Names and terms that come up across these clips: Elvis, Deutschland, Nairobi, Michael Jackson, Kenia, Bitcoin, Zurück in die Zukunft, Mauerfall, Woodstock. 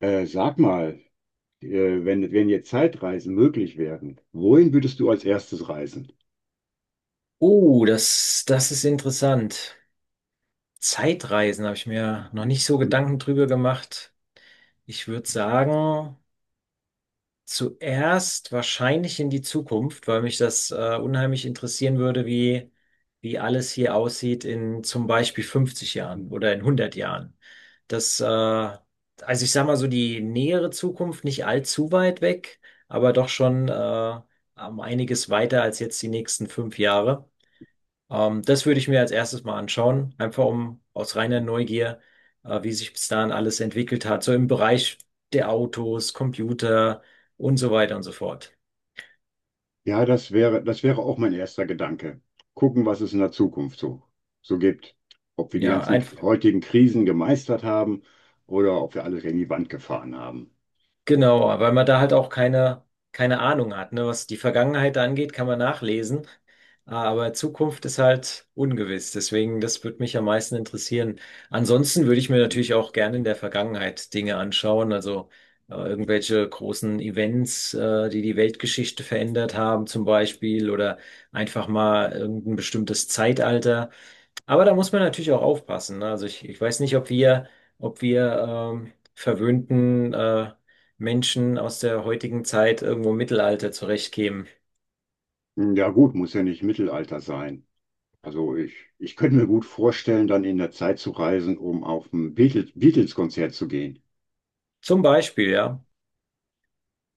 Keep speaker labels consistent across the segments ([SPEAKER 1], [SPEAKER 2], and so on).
[SPEAKER 1] Sag mal, äh, wenn jetzt Zeitreisen möglich wären, wohin würdest du als erstes reisen?
[SPEAKER 2] Oh, das ist interessant. Zeitreisen habe ich mir noch nicht so Gedanken drüber gemacht. Ich würde sagen, zuerst wahrscheinlich in die Zukunft, weil mich das unheimlich interessieren würde, wie alles hier aussieht in zum Beispiel 50 Jahren oder in 100 Jahren. Also ich sage mal so die nähere Zukunft, nicht allzu weit weg, aber doch schon um einiges weiter als jetzt die nächsten 5 Jahre. Das würde ich mir als erstes mal anschauen, einfach um aus reiner Neugier, wie sich bis dahin alles entwickelt hat, so im Bereich der Autos, Computer und so weiter und so fort.
[SPEAKER 1] Ja, das wäre auch mein erster Gedanke. Gucken, was es in der Zukunft so gibt. Ob wir die
[SPEAKER 2] Ja,
[SPEAKER 1] ganzen
[SPEAKER 2] ein,
[SPEAKER 1] heutigen Krisen gemeistert haben oder ob wir alles gegen die Wand gefahren haben.
[SPEAKER 2] Genau, weil man da halt auch keine Ahnung hat, ne? Was die Vergangenheit angeht, kann man nachlesen, aber Zukunft ist halt ungewiss. Deswegen, das würde mich am meisten interessieren. Ansonsten würde ich mir natürlich auch gerne in der Vergangenheit Dinge anschauen, also irgendwelche großen Events, die die Weltgeschichte verändert haben, zum Beispiel, oder einfach mal irgendein bestimmtes Zeitalter. Aber da muss man natürlich auch aufpassen, ne? Also ich weiß nicht, ob wir verwöhnten Menschen aus der heutigen Zeit irgendwo im Mittelalter zurechtkämen.
[SPEAKER 1] Ja gut, muss ja nicht Mittelalter sein. Also ich könnte mir gut vorstellen, dann in der Zeit zu reisen, um auf ein Beatles-Konzert zu gehen.
[SPEAKER 2] Zum Beispiel, ja,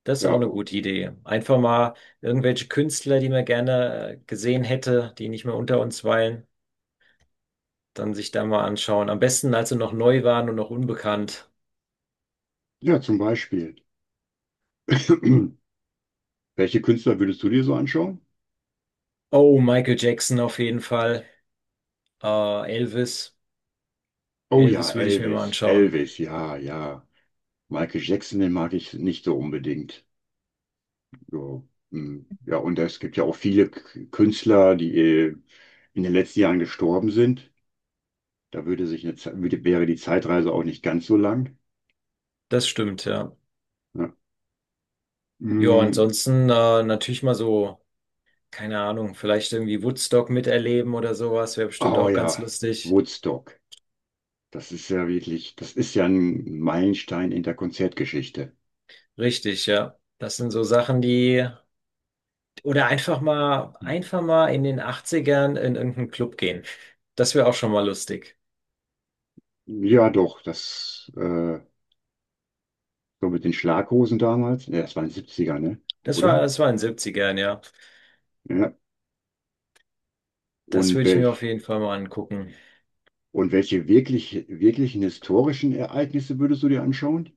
[SPEAKER 2] das ist
[SPEAKER 1] Ja,
[SPEAKER 2] auch eine
[SPEAKER 1] oh,
[SPEAKER 2] gute Idee. Einfach mal irgendwelche Künstler, die man gerne gesehen hätte, die nicht mehr unter uns weilen, dann sich da mal anschauen. Am besten, als sie noch neu waren und noch unbekannt.
[SPEAKER 1] ja, zum Beispiel. Welche Künstler würdest du dir so anschauen?
[SPEAKER 2] Oh, Michael Jackson auf jeden Fall. Elvis.
[SPEAKER 1] Oh ja,
[SPEAKER 2] Elvis würde ich mir mal
[SPEAKER 1] Elvis,
[SPEAKER 2] anschauen.
[SPEAKER 1] Elvis, ja, ja. Michael Jackson, den mag ich nicht so unbedingt. So, hm. Ja, und es gibt ja auch viele Künstler, die in den letzten Jahren gestorben sind. Da würde sich eine, wäre die Zeitreise auch nicht ganz so lang.
[SPEAKER 2] Das stimmt, ja.
[SPEAKER 1] Ja.
[SPEAKER 2] Ja,
[SPEAKER 1] Hm.
[SPEAKER 2] ansonsten natürlich mal so, keine Ahnung, vielleicht irgendwie Woodstock miterleben oder sowas, wäre bestimmt
[SPEAKER 1] Oh
[SPEAKER 2] auch ganz
[SPEAKER 1] ja,
[SPEAKER 2] lustig.
[SPEAKER 1] Woodstock. Das ist ja wirklich, das ist ja ein Meilenstein in der Konzertgeschichte.
[SPEAKER 2] Richtig, ja. Das sind so Sachen, oder
[SPEAKER 1] Hm.
[SPEAKER 2] einfach mal in den Achtzigern in irgendeinen Club gehen. Das wäre auch schon mal lustig.
[SPEAKER 1] Ja, doch, das so mit den Schlaghosen damals. Ja, das waren 70er, ne?
[SPEAKER 2] Das war,
[SPEAKER 1] Oder?
[SPEAKER 2] das war in den 70ern ja.
[SPEAKER 1] Ja.
[SPEAKER 2] Das
[SPEAKER 1] Und
[SPEAKER 2] würde ich mir auf
[SPEAKER 1] welch,
[SPEAKER 2] jeden Fall mal angucken.
[SPEAKER 1] und welche wirklichen historischen Ereignisse würdest du dir anschauen?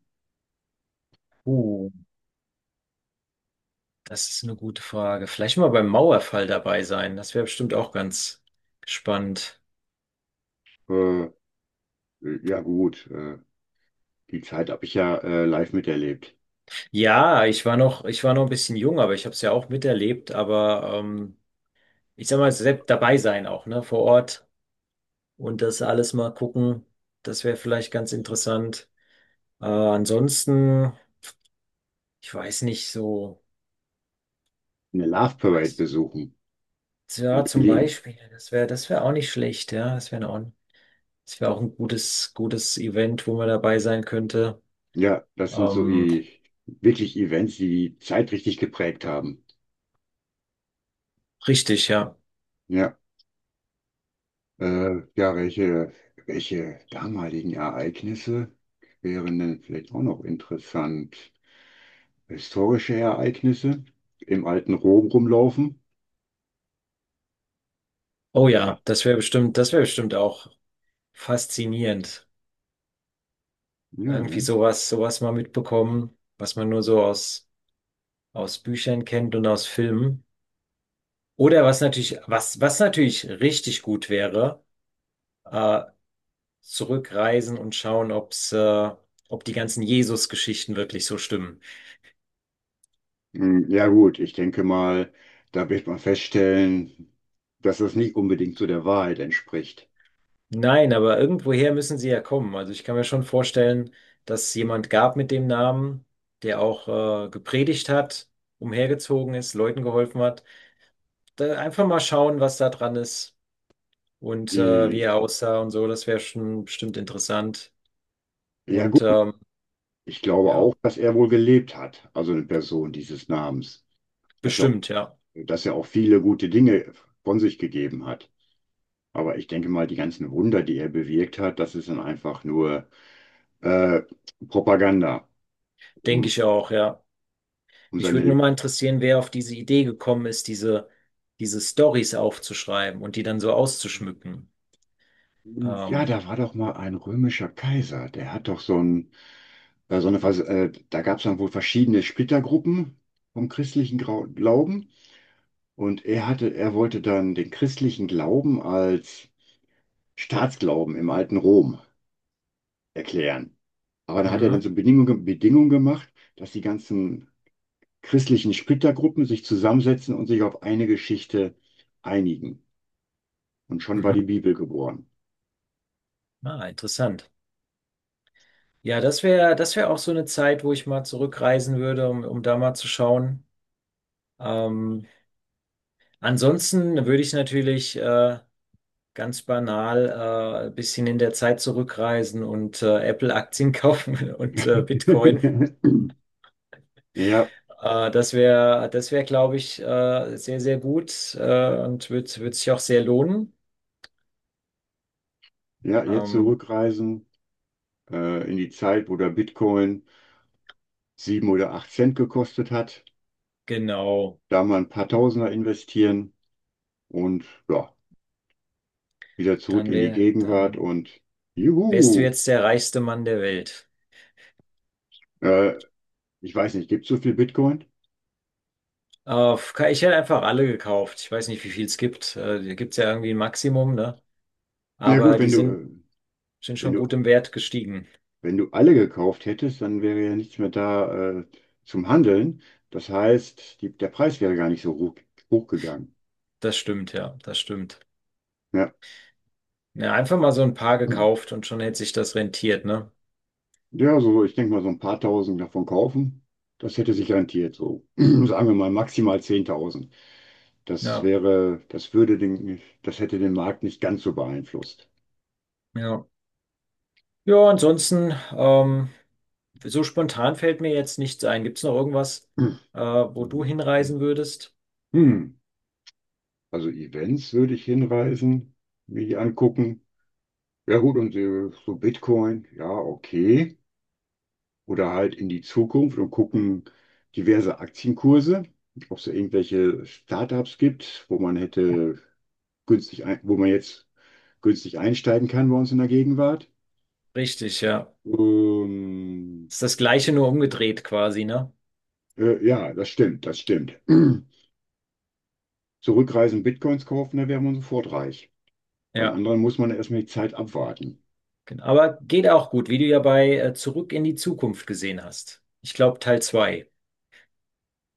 [SPEAKER 2] Uh, das ist eine gute Frage. Vielleicht mal beim Mauerfall dabei sein. Das wäre bestimmt auch ganz spannend.
[SPEAKER 1] Äh, ja, gut. Die Zeit habe ich ja live miterlebt.
[SPEAKER 2] Ja, ich war noch ein bisschen jung, aber ich habe es ja auch miterlebt. Aber ich sag mal, selbst dabei sein auch, ne, vor Ort und das alles mal gucken, das wäre vielleicht ganz interessant. Ansonsten, ich weiß nicht so,
[SPEAKER 1] Eine Love Parade
[SPEAKER 2] weiß,
[SPEAKER 1] besuchen in
[SPEAKER 2] ja, zum
[SPEAKER 1] Berlin.
[SPEAKER 2] Beispiel, das wäre auch nicht schlecht, ja, das wäre auch ein gutes Event, wo man dabei sein könnte.
[SPEAKER 1] Ja, das sind
[SPEAKER 2] Ähm,
[SPEAKER 1] wirklich Events, die die Zeit richtig geprägt haben.
[SPEAKER 2] richtig, ja.
[SPEAKER 1] Ja, ja, welche damaligen Ereignisse wären denn vielleicht auch noch interessant? Historische Ereignisse im alten Rom rumlaufen?
[SPEAKER 2] Oh
[SPEAKER 1] Ja,
[SPEAKER 2] ja, das wäre bestimmt auch faszinierend.
[SPEAKER 1] ja,
[SPEAKER 2] Irgendwie
[SPEAKER 1] ne?
[SPEAKER 2] sowas mal mitbekommen, was man nur so aus Büchern kennt und aus Filmen. Oder was was natürlich richtig gut wäre, äh, zurückreisen und schauen, ob die ganzen Jesus-Geschichten wirklich so stimmen.
[SPEAKER 1] Hm, ja gut, ich denke mal, da wird man feststellen, dass das nicht unbedingt so der Wahrheit entspricht.
[SPEAKER 2] Nein, aber irgendwoher müssen sie ja kommen. Also ich kann mir schon vorstellen, dass es jemand gab mit dem Namen, der auch, gepredigt hat, umhergezogen ist, Leuten geholfen hat. Da einfach mal schauen, was da dran ist. Und wie
[SPEAKER 1] Äh,
[SPEAKER 2] er aussah und so. Das wäre schon bestimmt interessant.
[SPEAKER 1] Ja
[SPEAKER 2] Und
[SPEAKER 1] gut, ich glaube
[SPEAKER 2] ja,
[SPEAKER 1] auch, dass er wohl gelebt hat, also eine Person dieses Namens, dass er,
[SPEAKER 2] bestimmt, ja.
[SPEAKER 1] dass er auch viele gute Dinge von sich gegeben hat. Aber ich denke mal, die ganzen Wunder, die er bewirkt hat, das ist dann einfach nur äh, Propaganda,
[SPEAKER 2] Denke
[SPEAKER 1] um,
[SPEAKER 2] ich auch, ja.
[SPEAKER 1] um
[SPEAKER 2] Mich würde
[SPEAKER 1] seine
[SPEAKER 2] nur mal interessieren, wer auf diese Idee gekommen ist, diese Storys aufzuschreiben und die dann so auszuschmücken.
[SPEAKER 1] Ja,
[SPEAKER 2] Ähm,
[SPEAKER 1] da war doch mal ein römischer Kaiser, der hat doch so ein, so eine, da gab es dann wohl verschiedene Splittergruppen vom christlichen Grau Glauben und er wollte dann den christlichen Glauben als Staatsglauben im alten Rom erklären. Aber da hat er dann
[SPEAKER 2] mhm,
[SPEAKER 1] so Bedingungen gemacht, dass die ganzen christlichen Splittergruppen sich zusammensetzen und sich auf eine Geschichte einigen. Und schon war
[SPEAKER 2] mhm.
[SPEAKER 1] die Bibel geboren.
[SPEAKER 2] Ah, interessant. Ja, das wäre auch so eine Zeit, wo ich mal zurückreisen würde, um da mal zu schauen. Ähm, ansonsten würde ich natürlich ganz banal ein bisschen in der Zeit zurückreisen und Apple-Aktien kaufen und Bitcoin.
[SPEAKER 1] Ja,
[SPEAKER 2] Das wäre, glaube ich, sehr, sehr gut und wird sich auch sehr lohnen.
[SPEAKER 1] ja, jetzt
[SPEAKER 2] Ähm,
[SPEAKER 1] zurückreisen. In die Zeit, wo der Bitcoin sieben oder acht Cent gekostet hat.
[SPEAKER 2] genau,
[SPEAKER 1] Da mal ein paar Tausender investieren und ja, wieder zurück in die Gegenwart
[SPEAKER 2] dann
[SPEAKER 1] und
[SPEAKER 2] wärst du
[SPEAKER 1] juhu!
[SPEAKER 2] jetzt der reichste Mann der Welt.
[SPEAKER 1] Äh, ich weiß nicht, gibt es so viel Bitcoin?
[SPEAKER 2] Äh, ich hätte einfach alle gekauft. Ich weiß nicht, wie viel es gibt. Da gibt es ja irgendwie ein Maximum, ne?
[SPEAKER 1] Ja gut,
[SPEAKER 2] Aber sind
[SPEAKER 1] wenn
[SPEAKER 2] schon
[SPEAKER 1] du,
[SPEAKER 2] gut im Wert gestiegen.
[SPEAKER 1] wenn du alle gekauft hättest, dann wäre ja nichts mehr da zum Handeln. Das heißt, der Preis wäre gar nicht so hoch, hochgegangen.
[SPEAKER 2] Das stimmt.
[SPEAKER 1] Ja.
[SPEAKER 2] Ja, einfach mal so ein paar gekauft und schon hätte sich das rentiert, ne?
[SPEAKER 1] Ja, so, ich denke mal, so ein paar tausend davon kaufen, das hätte sich rentiert, so sagen wir mal maximal 10.000. Das
[SPEAKER 2] Ja,
[SPEAKER 1] wäre, das würde den, das hätte den Markt nicht ganz so beeinflusst.
[SPEAKER 2] ja. Ja, ansonsten, so spontan fällt mir jetzt nichts ein. Gibt's noch irgendwas,
[SPEAKER 1] Hm.
[SPEAKER 2] wo du hinreisen würdest?
[SPEAKER 1] Hm. Also Events würde ich hinreisen, mir die angucken. Ja gut, und so Bitcoin, ja, okay. Oder halt in die Zukunft und gucken diverse Aktienkurse, ob es da irgendwelche Startups gibt, wo man jetzt günstig einsteigen kann bei uns in der Gegenwart.
[SPEAKER 2] Richtig, ja.
[SPEAKER 1] Ähm,
[SPEAKER 2] Ist das Gleiche nur umgedreht quasi, ne?
[SPEAKER 1] ja, das stimmt. Zurückreisen, Bitcoins kaufen, da wäre man sofort reich. Beim
[SPEAKER 2] Ja,
[SPEAKER 1] anderen muss man erstmal die Zeit abwarten.
[SPEAKER 2] genau. Aber geht auch gut, wie du ja bei Zurück in die Zukunft gesehen hast. Ich glaube, Teil 2.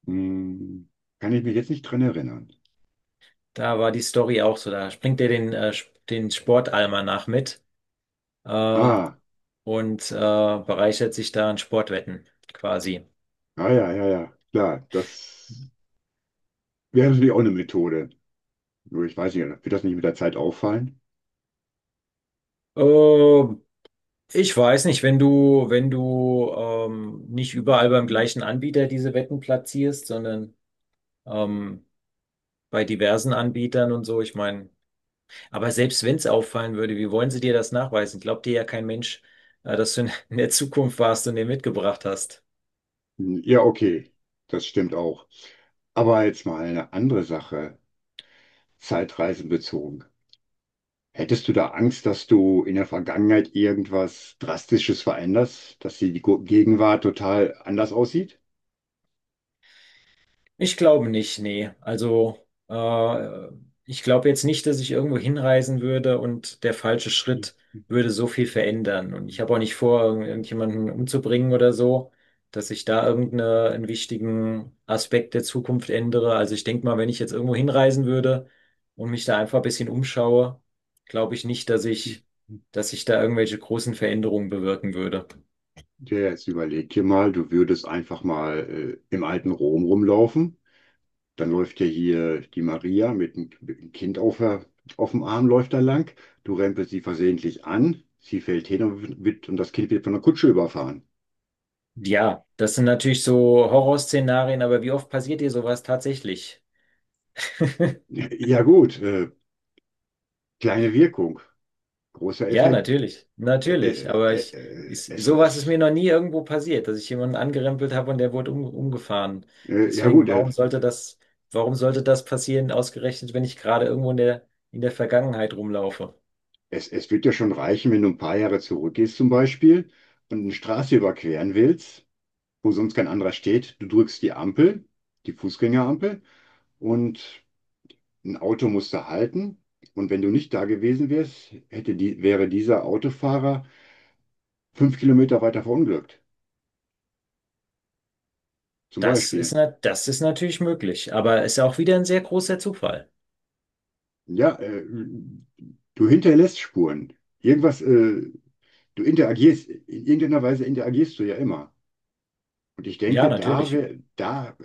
[SPEAKER 1] Hm, kann ich mich jetzt nicht dran erinnern.
[SPEAKER 2] Da war die Story auch so. Da springt er den, den Sportalmanach mit äh,
[SPEAKER 1] Ah,
[SPEAKER 2] und bereichert sich da an Sportwetten quasi.
[SPEAKER 1] ja. Klar, das wäre natürlich auch eine Methode. Nur ich weiß nicht, wird das nicht mit der Zeit auffallen?
[SPEAKER 2] Äh, Ich weiß nicht, wenn du nicht überall beim gleichen Anbieter diese Wetten platzierst, sondern ähm, bei diversen Anbietern und so, ich meine, aber selbst wenn es auffallen würde, wie wollen sie dir das nachweisen? Glaubt dir ja kein Mensch, dass du in der Zukunft warst und den mitgebracht hast.
[SPEAKER 1] Hm, ja, okay, das stimmt auch. Aber jetzt mal eine andere Sache, Zeitreisen bezogen. Hättest du da Angst, dass du in der Vergangenheit irgendwas Drastisches veränderst, dass die Gegenwart total anders aussieht?
[SPEAKER 2] Ich glaube nicht, nee. Also, äh, ich glaube jetzt nicht, dass ich irgendwo hinreisen würde und der falsche Schritt würde so viel verändern. Und ich habe auch nicht vor,
[SPEAKER 1] Ja,
[SPEAKER 2] irgendjemanden umzubringen oder so, dass ich da irgendeinen wichtigen Aspekt der Zukunft ändere. Also ich denke mal, wenn ich jetzt irgendwo hinreisen würde und mich da einfach ein bisschen umschaue, glaube ich nicht, dass ich da irgendwelche großen Veränderungen bewirken würde.
[SPEAKER 1] ja, jetzt überleg dir mal, du würdest einfach mal im alten Rom rumlaufen. Dann läuft ja hier die Maria mit einem Kind auf dem Arm, läuft da lang. Du rempelst sie versehentlich an, sie fällt hin und das Kind wird von der Kutsche überfahren.
[SPEAKER 2] Ja, das sind natürlich so Horrorszenarien, aber wie oft passiert dir sowas tatsächlich?
[SPEAKER 1] Ja gut, kleine Wirkung, großer
[SPEAKER 2] Ja,
[SPEAKER 1] Effekt.
[SPEAKER 2] natürlich,
[SPEAKER 1] Äh,
[SPEAKER 2] natürlich.
[SPEAKER 1] äh,
[SPEAKER 2] Ich,
[SPEAKER 1] äh, es,
[SPEAKER 2] sowas ist mir
[SPEAKER 1] es,
[SPEAKER 2] noch nie irgendwo passiert, dass ich jemanden angerempelt habe und der wurde umgefahren.
[SPEAKER 1] ja
[SPEAKER 2] Deswegen,
[SPEAKER 1] gut,
[SPEAKER 2] warum sollte das, warum sollte das passieren, ausgerechnet, wenn ich gerade irgendwo in der Vergangenheit rumlaufe?
[SPEAKER 1] es wird ja schon reichen, wenn du ein paar Jahre zurückgehst zum Beispiel und eine Straße überqueren willst. Wo sonst kein anderer steht. Du drückst die Ampel, die Fußgängerampel, und ein Auto muss da halten. Und wenn du nicht da gewesen wärst, wäre dieser Autofahrer 5 Kilometer weiter verunglückt. Zum
[SPEAKER 2] Das ist,
[SPEAKER 1] Beispiel.
[SPEAKER 2] na, das ist natürlich möglich, aber ist auch wieder ein sehr großer Zufall.
[SPEAKER 1] Ja, du hinterlässt Spuren. Irgendwas, in irgendeiner Weise interagierst du ja immer. Und ich
[SPEAKER 2] Ja,
[SPEAKER 1] denke,
[SPEAKER 2] natürlich.
[SPEAKER 1] da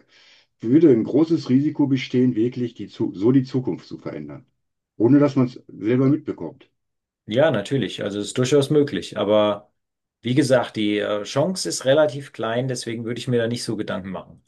[SPEAKER 1] würde ein großes Risiko bestehen, wirklich so die Zukunft zu verändern, ohne dass man es selber mitbekommt.
[SPEAKER 2] Ja, natürlich. Also es ist durchaus möglich. Aber wie gesagt, die Chance ist relativ klein, deswegen würde ich mir da nicht so Gedanken machen.